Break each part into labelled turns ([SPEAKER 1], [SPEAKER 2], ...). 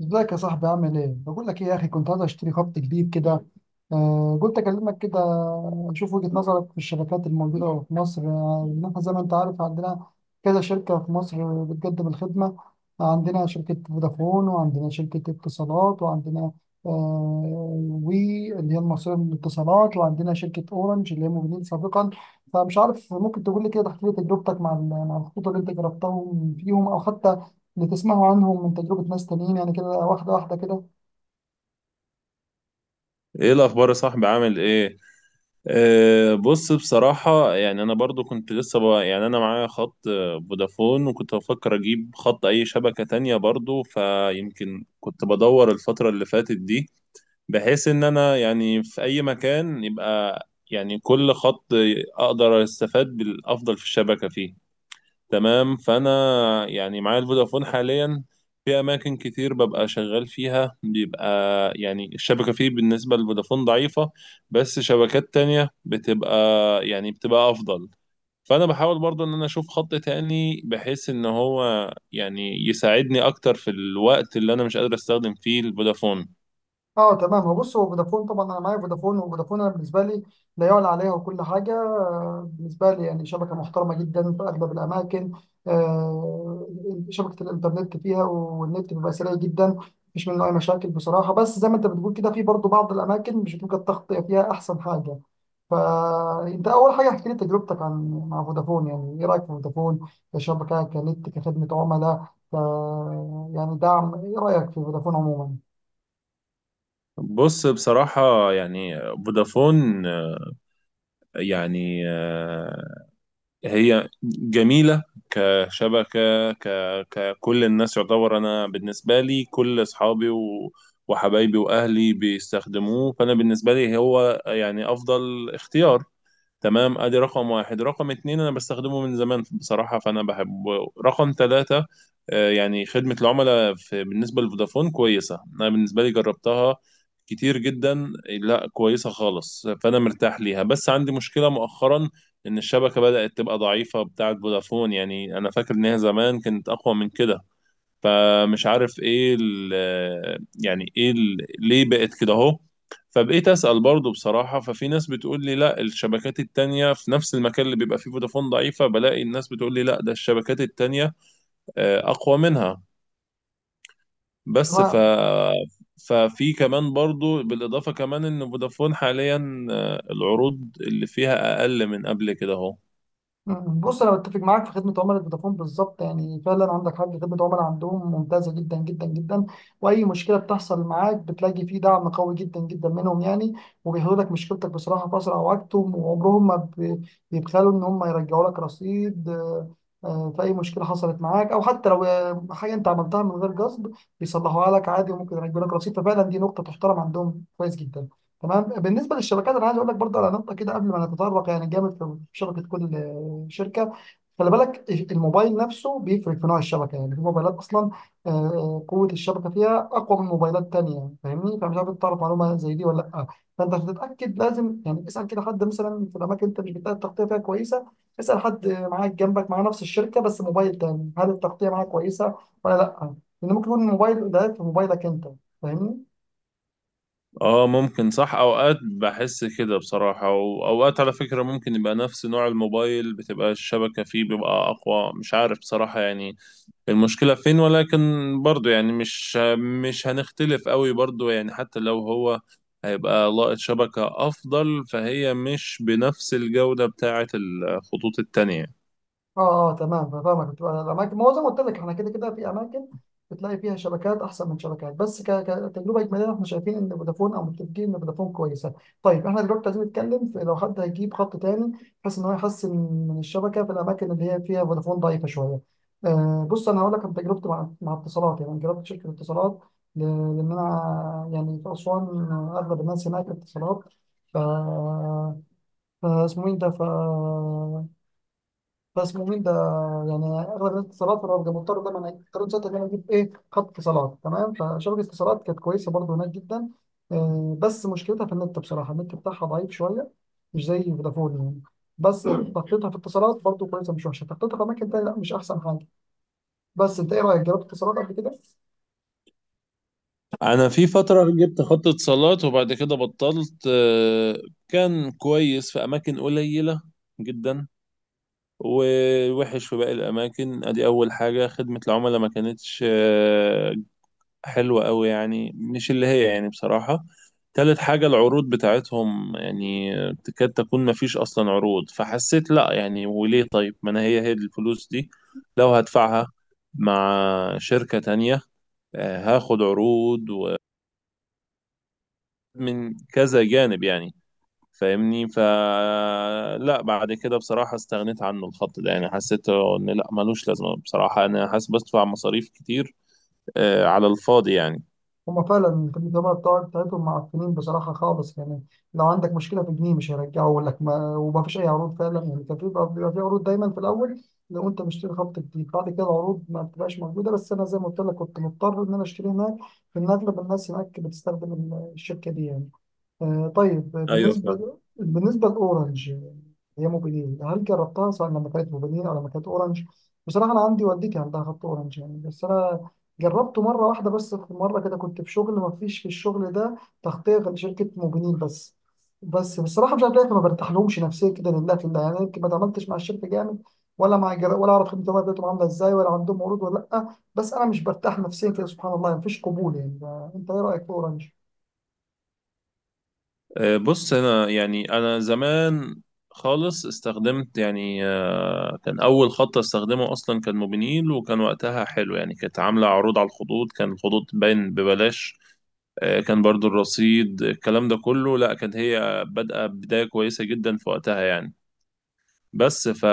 [SPEAKER 1] ازيك يا صاحبي؟ عامل ايه؟ بقول لك ايه يا اخي، كنت عايز اشتري خط جديد كده. قلت اكلمك كده، اشوف وجهة نظرك في الشبكات الموجودة في مصر. ان احنا زي ما انت عارف، عندنا كذا شركة في مصر بتقدم الخدمة. عندنا شركة فودافون، وعندنا شركة اتصالات، وعندنا وي اللي هي المصرية للاتصالات، وعندنا شركة اورنج اللي هي موجودين سابقا. فمش عارف، ممكن تقول لي كده، تحكي لي تجربتك مع مع الخطوط اللي انت جربتهم فيهم، او حتى بتسمعوا عنهم من تجربة ناس تانيين، يعني كده واحدة واحدة كده.
[SPEAKER 2] ايه الاخبار يا صاحبي، عامل ايه؟ بص بصراحة يعني انا برضو كنت لسه يعني انا معايا خط فودافون، وكنت بفكر اجيب خط اي شبكة تانية برضو، فيمكن كنت بدور الفترة اللي فاتت دي، بحيث ان انا يعني في اي مكان يبقى يعني كل خط اقدر استفاد بالافضل في الشبكة فيه. تمام، فانا يعني معايا الفودافون حاليا، في اماكن كتير ببقى شغال فيها بيبقى يعني الشبكه فيه بالنسبه للفودافون ضعيفه، بس شبكات تانية بتبقى يعني بتبقى افضل. فانا بحاول برضو ان انا اشوف خط تاني بحيث ان هو يعني يساعدني اكتر في الوقت اللي انا مش قادر استخدم فيه الفودافون.
[SPEAKER 1] اه تمام، هو بص، هو فودافون طبعا انا معايا فودافون، وفودافون انا بالنسبه لي لا يعلى عليها وكل حاجه. بالنسبه لي يعني شبكه محترمه جدا في اغلب الاماكن. آه، شبكه الانترنت فيها والنت بيبقى سريع جدا، مفيش منه اي مشاكل بصراحه. بس زي ما انت بتقول كده، في برضه بعض الاماكن مش بتبقى التغطيه فيها احسن حاجه. فانت اول حاجه احكي لي تجربتك عن مع فودافون، يعني ايه رايك في فودافون كشبكه، كنت كخدمه عملاء، ك يعني دعم، ايه رايك في فودافون عموما؟
[SPEAKER 2] بص بصراحة يعني فودافون يعني هي جميلة كشبكة ك... ككل الناس، يعتبر أنا بالنسبة لي كل أصحابي وحبايبي وأهلي بيستخدموه، فأنا بالنسبة لي هو يعني أفضل اختيار. تمام، ادي رقم واحد. رقم اتنين انا بستخدمه من زمان بصراحة فانا بحبه. رقم تلاتة يعني خدمة العملاء في بالنسبة لفودافون كويسة، انا بالنسبة لي جربتها كتير جدا، لا كويسة خالص، فانا مرتاح ليها. بس عندي مشكلة مؤخرا ان الشبكة بدأت تبقى ضعيفة بتاعة فودافون، يعني انا فاكر ان هي زمان كانت اقوى من كده. فمش عارف ايه ال يعني ايه ال ليه بقت كده اهو. فبقيت اسال برضه بصراحه، ففي ناس بتقول لي لا، الشبكات التانيه في نفس المكان اللي بيبقى فيه فودافون ضعيفه بلاقي الناس بتقول لي لا، ده الشبكات التانيه اقوى منها. بس ف ففي كمان برضو، بالإضافة كمان إن فودافون حاليا العروض اللي فيها أقل من قبل كده أهو.
[SPEAKER 1] بص انا بتفق معاك في خدمه عملاء فودافون بالظبط، يعني فعلا عندك حق، خدمه عملاء عندهم ممتازه جدا جدا جدا. واي مشكله بتحصل معاك بتلاقي فيه دعم قوي جدا جدا منهم يعني، وبيحلوا لك مشكلتك بصراحه في اسرع وقت، وعمرهم ما بيبخلوا ان هم يرجعوا لك رصيد. في اي مشكله حصلت معاك، او حتى لو حاجه انت عملتها من غير قصد بيصلحوها لك عادي، وممكن يرجعوا لك رصيد. ففعلا دي نقطه تحترم عندهم كويس جدا. تمام، بالنسبه للشبكات انا عايز اقول لك برضه على نقطه كده قبل ما نتطرق يعني جامد في شبكه كل الشركه، خلي بالك الموبايل نفسه بيفرق في نوع الشبكه. يعني في موبايلات اصلا قوه الشبكه فيها اقوى من موبايلات تانية، فاهمني؟ فمش عارف إنت تعرف معلومه زي دي ولا لا. فانت عشان تتاكد لازم يعني اسال كده حد مثلا في الاماكن انت مش بتلاقي التغطيه فيها كويسه، اسال حد معاك جنبك مع نفس الشركه بس موبايل تاني، هل التغطيه معاه كويسه ولا لا؟ لان ممكن يكون الموبايل ضعيف في موبايلك انت، فاهمني؟
[SPEAKER 2] اه ممكن صح، اوقات بحس كده بصراحة، واوقات على فكرة ممكن يبقى نفس نوع الموبايل بتبقى الشبكة فيه بيبقى اقوى، مش عارف بصراحة يعني المشكلة فين. ولكن برضو يعني مش هنختلف قوي برضو، يعني حتى لو هو هيبقى لاقط شبكة افضل فهي مش بنفس الجودة بتاعة الخطوط التانية.
[SPEAKER 1] اه، اه تمام فاهمك. بتبقى الاماكن، ما هو زي ما قلت لك، احنا كده كده في اماكن بتلاقي فيها شبكات احسن من شبكات، بس كتجربه اجماليه احنا شايفين ان فودافون، او متفقين ان فودافون كويسه. طيب احنا دلوقتي عايزين نتكلم في لو حد هيجيب خط تاني بحيث ان هو يحسن من الشبكه في الاماكن اللي هي فيها فودافون ضعيفه شويه. بص انا هقول لك عن تجربتي مع مع اتصالات. يعني أنا جربت شركه اتصالات ل- لان انا يعني في اسوان اغلب الناس هناك اتصالات، ف فاسمه ايه ده ف بس مؤمن ده، يعني اغلب الاتصالات في الرابطه، مضطر دايما اضطريت ساعتها ان انا اجيب ايه خط اتصالات. تمام، فشبكه اتصالات كانت كويسه برضو هناك جدا. بس مشكلتها في النت، بصراحه النت بتاعها ضعيف شويه، مش زي فودافون يعني. بس تخطيطها في اتصالات برضو كويسه، مش وحشه. تخطيطها في اماكن تانيه، لا مش احسن حاجه. بس انت ايه رايك، جربت اتصالات قبل كده؟
[SPEAKER 2] انا في فترة جبت خط اتصالات وبعد كده بطلت. كان كويس في اماكن قليلة جدا، ووحش في باقي الأماكن. أدي أول حاجة خدمة العملاء ما كانتش حلوة أوي، يعني مش اللي هي يعني بصراحة. تالت حاجة العروض بتاعتهم يعني تكاد تكون ما فيش أصلا عروض، فحسيت لأ يعني، وليه؟ طيب ما أنا هي الفلوس دي لو هدفعها مع شركة تانية هاخد عروض ومن كذا جانب يعني، فاهمني؟ فلا، بعد كده بصراحة استغنيت عنه الخط ده، يعني حسيت ان لا ملوش لازمة، بصراحة انا حاسس بدفع مصاريف كتير على الفاضي يعني.
[SPEAKER 1] هما فعلا الجماعة بتاعتهم معفنين بصراحة خالص يعني، لو عندك مشكلة في جنيه مش هيرجعوا لك، ما وما فيش أي عروض فعلا. يعني كان في، بيبقى في عروض دايما في الأول لو أنت مشتري خط جديد، بعد كده العروض ما بتبقاش موجودة. بس أنا زي ما قلت لك كنت مضطر إن أنا أشتري هناك لأن أغلب الناس هناك بتستخدم الشركة دي يعني. طيب،
[SPEAKER 2] ايوه فعلا.
[SPEAKER 1] بالنسبة لأورنج، هي موبينيل، هل جربتها سواء لما كانت موبينيل أو لما كانت أورنج؟ بصراحة أنا عندي والدتي عندها خط أورنج يعني، بس أنا جربته مرة واحدة بس. في مرة كده كنت في شغل، ما فيش في الشغل ده تغطية غير شركة موبينيل بس. بس بصراحة مش عارف ليه ما برتاحلهمش نفسيا كده، لله في الله يعني، يمكن ما اتعاملتش مع الشركة جامد ولا ولا أعرف خدمة بتاعتهم عاملة إزاي، ولا عندهم عروض ولا لأ، بس أنا مش برتاح نفسيا كده، سبحان الله يعني مفيش قبول يعني. أنت إيه رأيك في أورنج؟
[SPEAKER 2] بص انا يعني انا زمان خالص استخدمت يعني كان اول خط استخدمه اصلا كان موبينيل، وكان وقتها حلو يعني، كانت عاملة عروض على الخطوط، كان الخطوط باين ببلاش كان برضو الرصيد الكلام ده كله، لا كانت هي بادئة بداية كويسة جدا في وقتها يعني. بس ف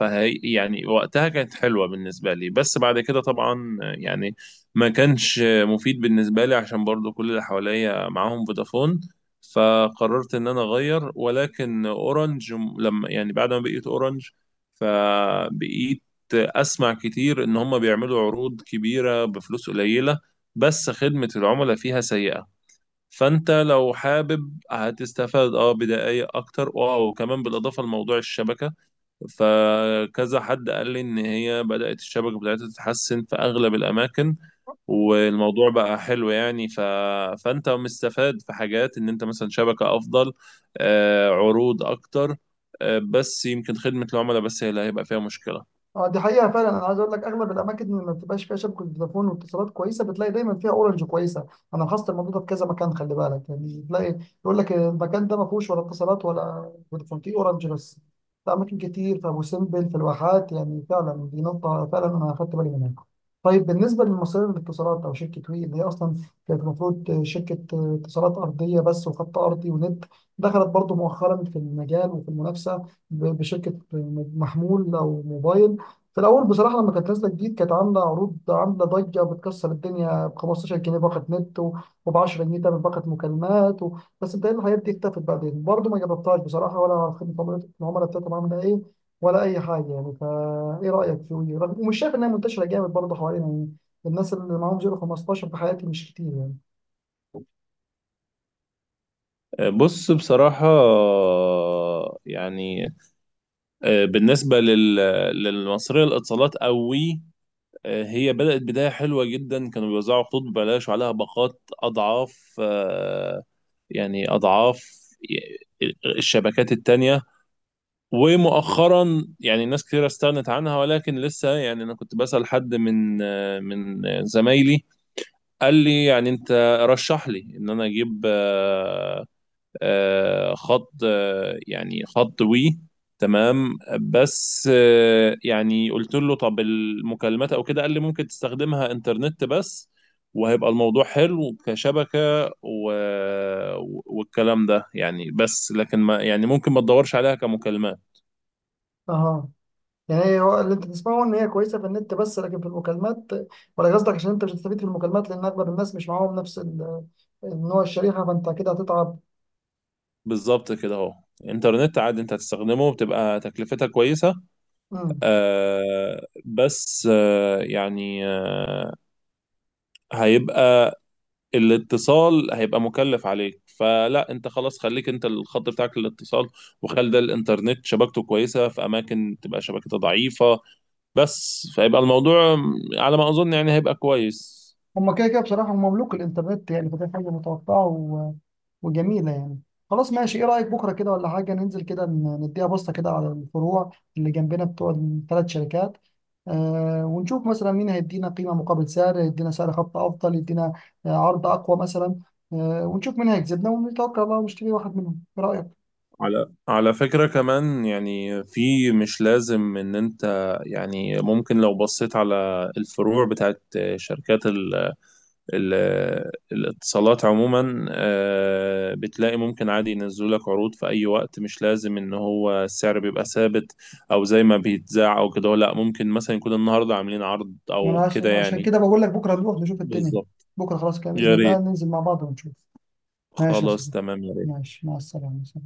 [SPEAKER 2] فهي يعني وقتها كانت حلوة بالنسبة لي، بس بعد كده طبعا يعني ما كانش مفيد بالنسبة لي عشان برضو كل اللي حواليا معاهم فودافون، فقررت ان انا اغير. ولكن اورنج لما يعني بعد ما بقيت اورنج، فبقيت اسمع كتير ان هم بيعملوا عروض كبيرة بفلوس قليلة، بس خدمة العملاء فيها سيئة. فانت لو حابب هتستفاد اه بدقايق اكتر اه، وكمان بالاضافه لموضوع الشبكه، فكذا حد قال لي ان هي بدات الشبكه بتاعتها تتحسن في اغلب الاماكن والموضوع بقى حلو يعني فانت مستفاد في حاجات، ان انت مثلا شبكه افضل عروض اكتر بس يمكن خدمه العملاء بس هي اللي هيبقى فيها مشكله.
[SPEAKER 1] اه دي حقيقة فعلا. انا عايز اقول لك اغلب الاماكن اللي ما بتبقاش فيها شبكة فودافون واتصالات كويسة، بتلاقي دايما فيها اورنج كويسة. انا لاحظت الموضوع ده في كذا مكان. خلي بالك يعني، تلاقي يقول لك المكان ده ما فيهوش ولا اتصالات ولا فودافون، فيه اورنج بس، في اماكن كتير، في ابو سمبل، في الواحات. يعني فعلا دي نقطة فعلا انا اخدت بالي منها. طيب بالنسبة لمصرية الاتصالات او شركة وي، اللي هي اصلا كانت المفروض شركة اتصالات ارضية بس، وخط ارضي ونت، دخلت برضو مؤخرا في المجال وفي المنافسة بشركة محمول او موبايل. في الاول بصراحه لما كانت نازله جديد كانت عامله عروض، عامله ضجه بتكسر الدنيا، ب 15 جنيه باقه نت، وب 10 جنيه تعمل باقه مكالمات بس بتهيألي الحاجات دي اختفت بعدين برضه. ما جربتهاش بصراحه، ولا على خدمه العملاء بتاعتهم عامله ايه ولا اي حاجه يعني. فا ايه رايك في وي؟ ومش شايف انها منتشره جامد برضه حوالينا يعني، الناس اللي معاهم 0 15 في حياتي مش كتير يعني.
[SPEAKER 2] بص بصراحه بالنسبه للمصريه للاتصالات قوي هي بدأت بداية حلوة جدا، كانوا بيوزعوا خطوط ببلاش وعليها باقات أضعاف، يعني أضعاف الشبكات التانية. ومؤخرا يعني ناس كتير استغنت عنها، ولكن لسه يعني أنا كنت بسأل حد من من زمايلي، قال لي يعني أنت رشح لي إن أنا أجيب خض وي. تمام، بس يعني قلت له طب المكالمات او كده، قال لي ممكن تستخدمها انترنت بس وهيبقى الموضوع حلو كشبكة و... والكلام ده يعني، بس لكن ما يعني ممكن ما تدورش عليها كمكالمات.
[SPEAKER 1] اها، يعني هي، هو اللي انت تسمعه ان هي كويسه في النت بس لكن في المكالمات، ولا قصدك عشان انت مش هتستفيد في المكالمات لان اغلب الناس مش معاهم نفس النوع، الشريحه، فانت كده هتتعب؟
[SPEAKER 2] بالظبط كده اهو، انترنت عادي انت هتستخدمه بتبقى تكلفتها كويسة.
[SPEAKER 1] امم
[SPEAKER 2] آه بس آه يعني آه هيبقى الاتصال هيبقى مكلف عليك، فلا انت خلاص خليك انت الخط بتاعك للاتصال، وخلي ده الانترنت شبكته كويسه في اماكن تبقى شبكتها ضعيفه. بس فيبقى الموضوع على ما اظن يعني هيبقى كويس.
[SPEAKER 1] هما كده كده بصراحه هم مملوك الانترنت يعني، فدي حاجه متوقعه وجميلة يعني. خلاص ماشي، ايه رأيك بكرة كده ولا حاجة ننزل كده، نديها بصة كده على الفروع اللي جنبنا بتوع الثلاث شركات. ونشوف مثلا مين هيدينا قيمة مقابل سعر، يدينا سعر خط أفضل، يدينا عرض أقوى مثلا. ونشوف مين هيكسبنا، ونتوكل على الله ونشتري واحد منهم، ايه رأيك؟
[SPEAKER 2] على على فكرة كمان يعني في مش لازم ان انت يعني، ممكن لو بصيت على الفروع بتاعت شركات الاتصالات عموما بتلاقي ممكن عادي ينزلوا لك عروض في اي وقت، مش لازم ان هو السعر بيبقى ثابت او زي ما بيتذاع او كده، لا ممكن مثلا يكون النهارده عاملين عرض
[SPEAKER 1] ما أنا
[SPEAKER 2] او كده
[SPEAKER 1] عشان
[SPEAKER 2] يعني.
[SPEAKER 1] كده بقول لك بكرة نروح نشوف الدنيا.
[SPEAKER 2] بالظبط.
[SPEAKER 1] بكرة خلاص كده بإذن
[SPEAKER 2] يا
[SPEAKER 1] الله
[SPEAKER 2] ريت،
[SPEAKER 1] ننزل مع بعض ونشوف. ماشي يا
[SPEAKER 2] خلاص
[SPEAKER 1] صديقي،
[SPEAKER 2] تمام.
[SPEAKER 1] ماشي، مع السلامة، سلام.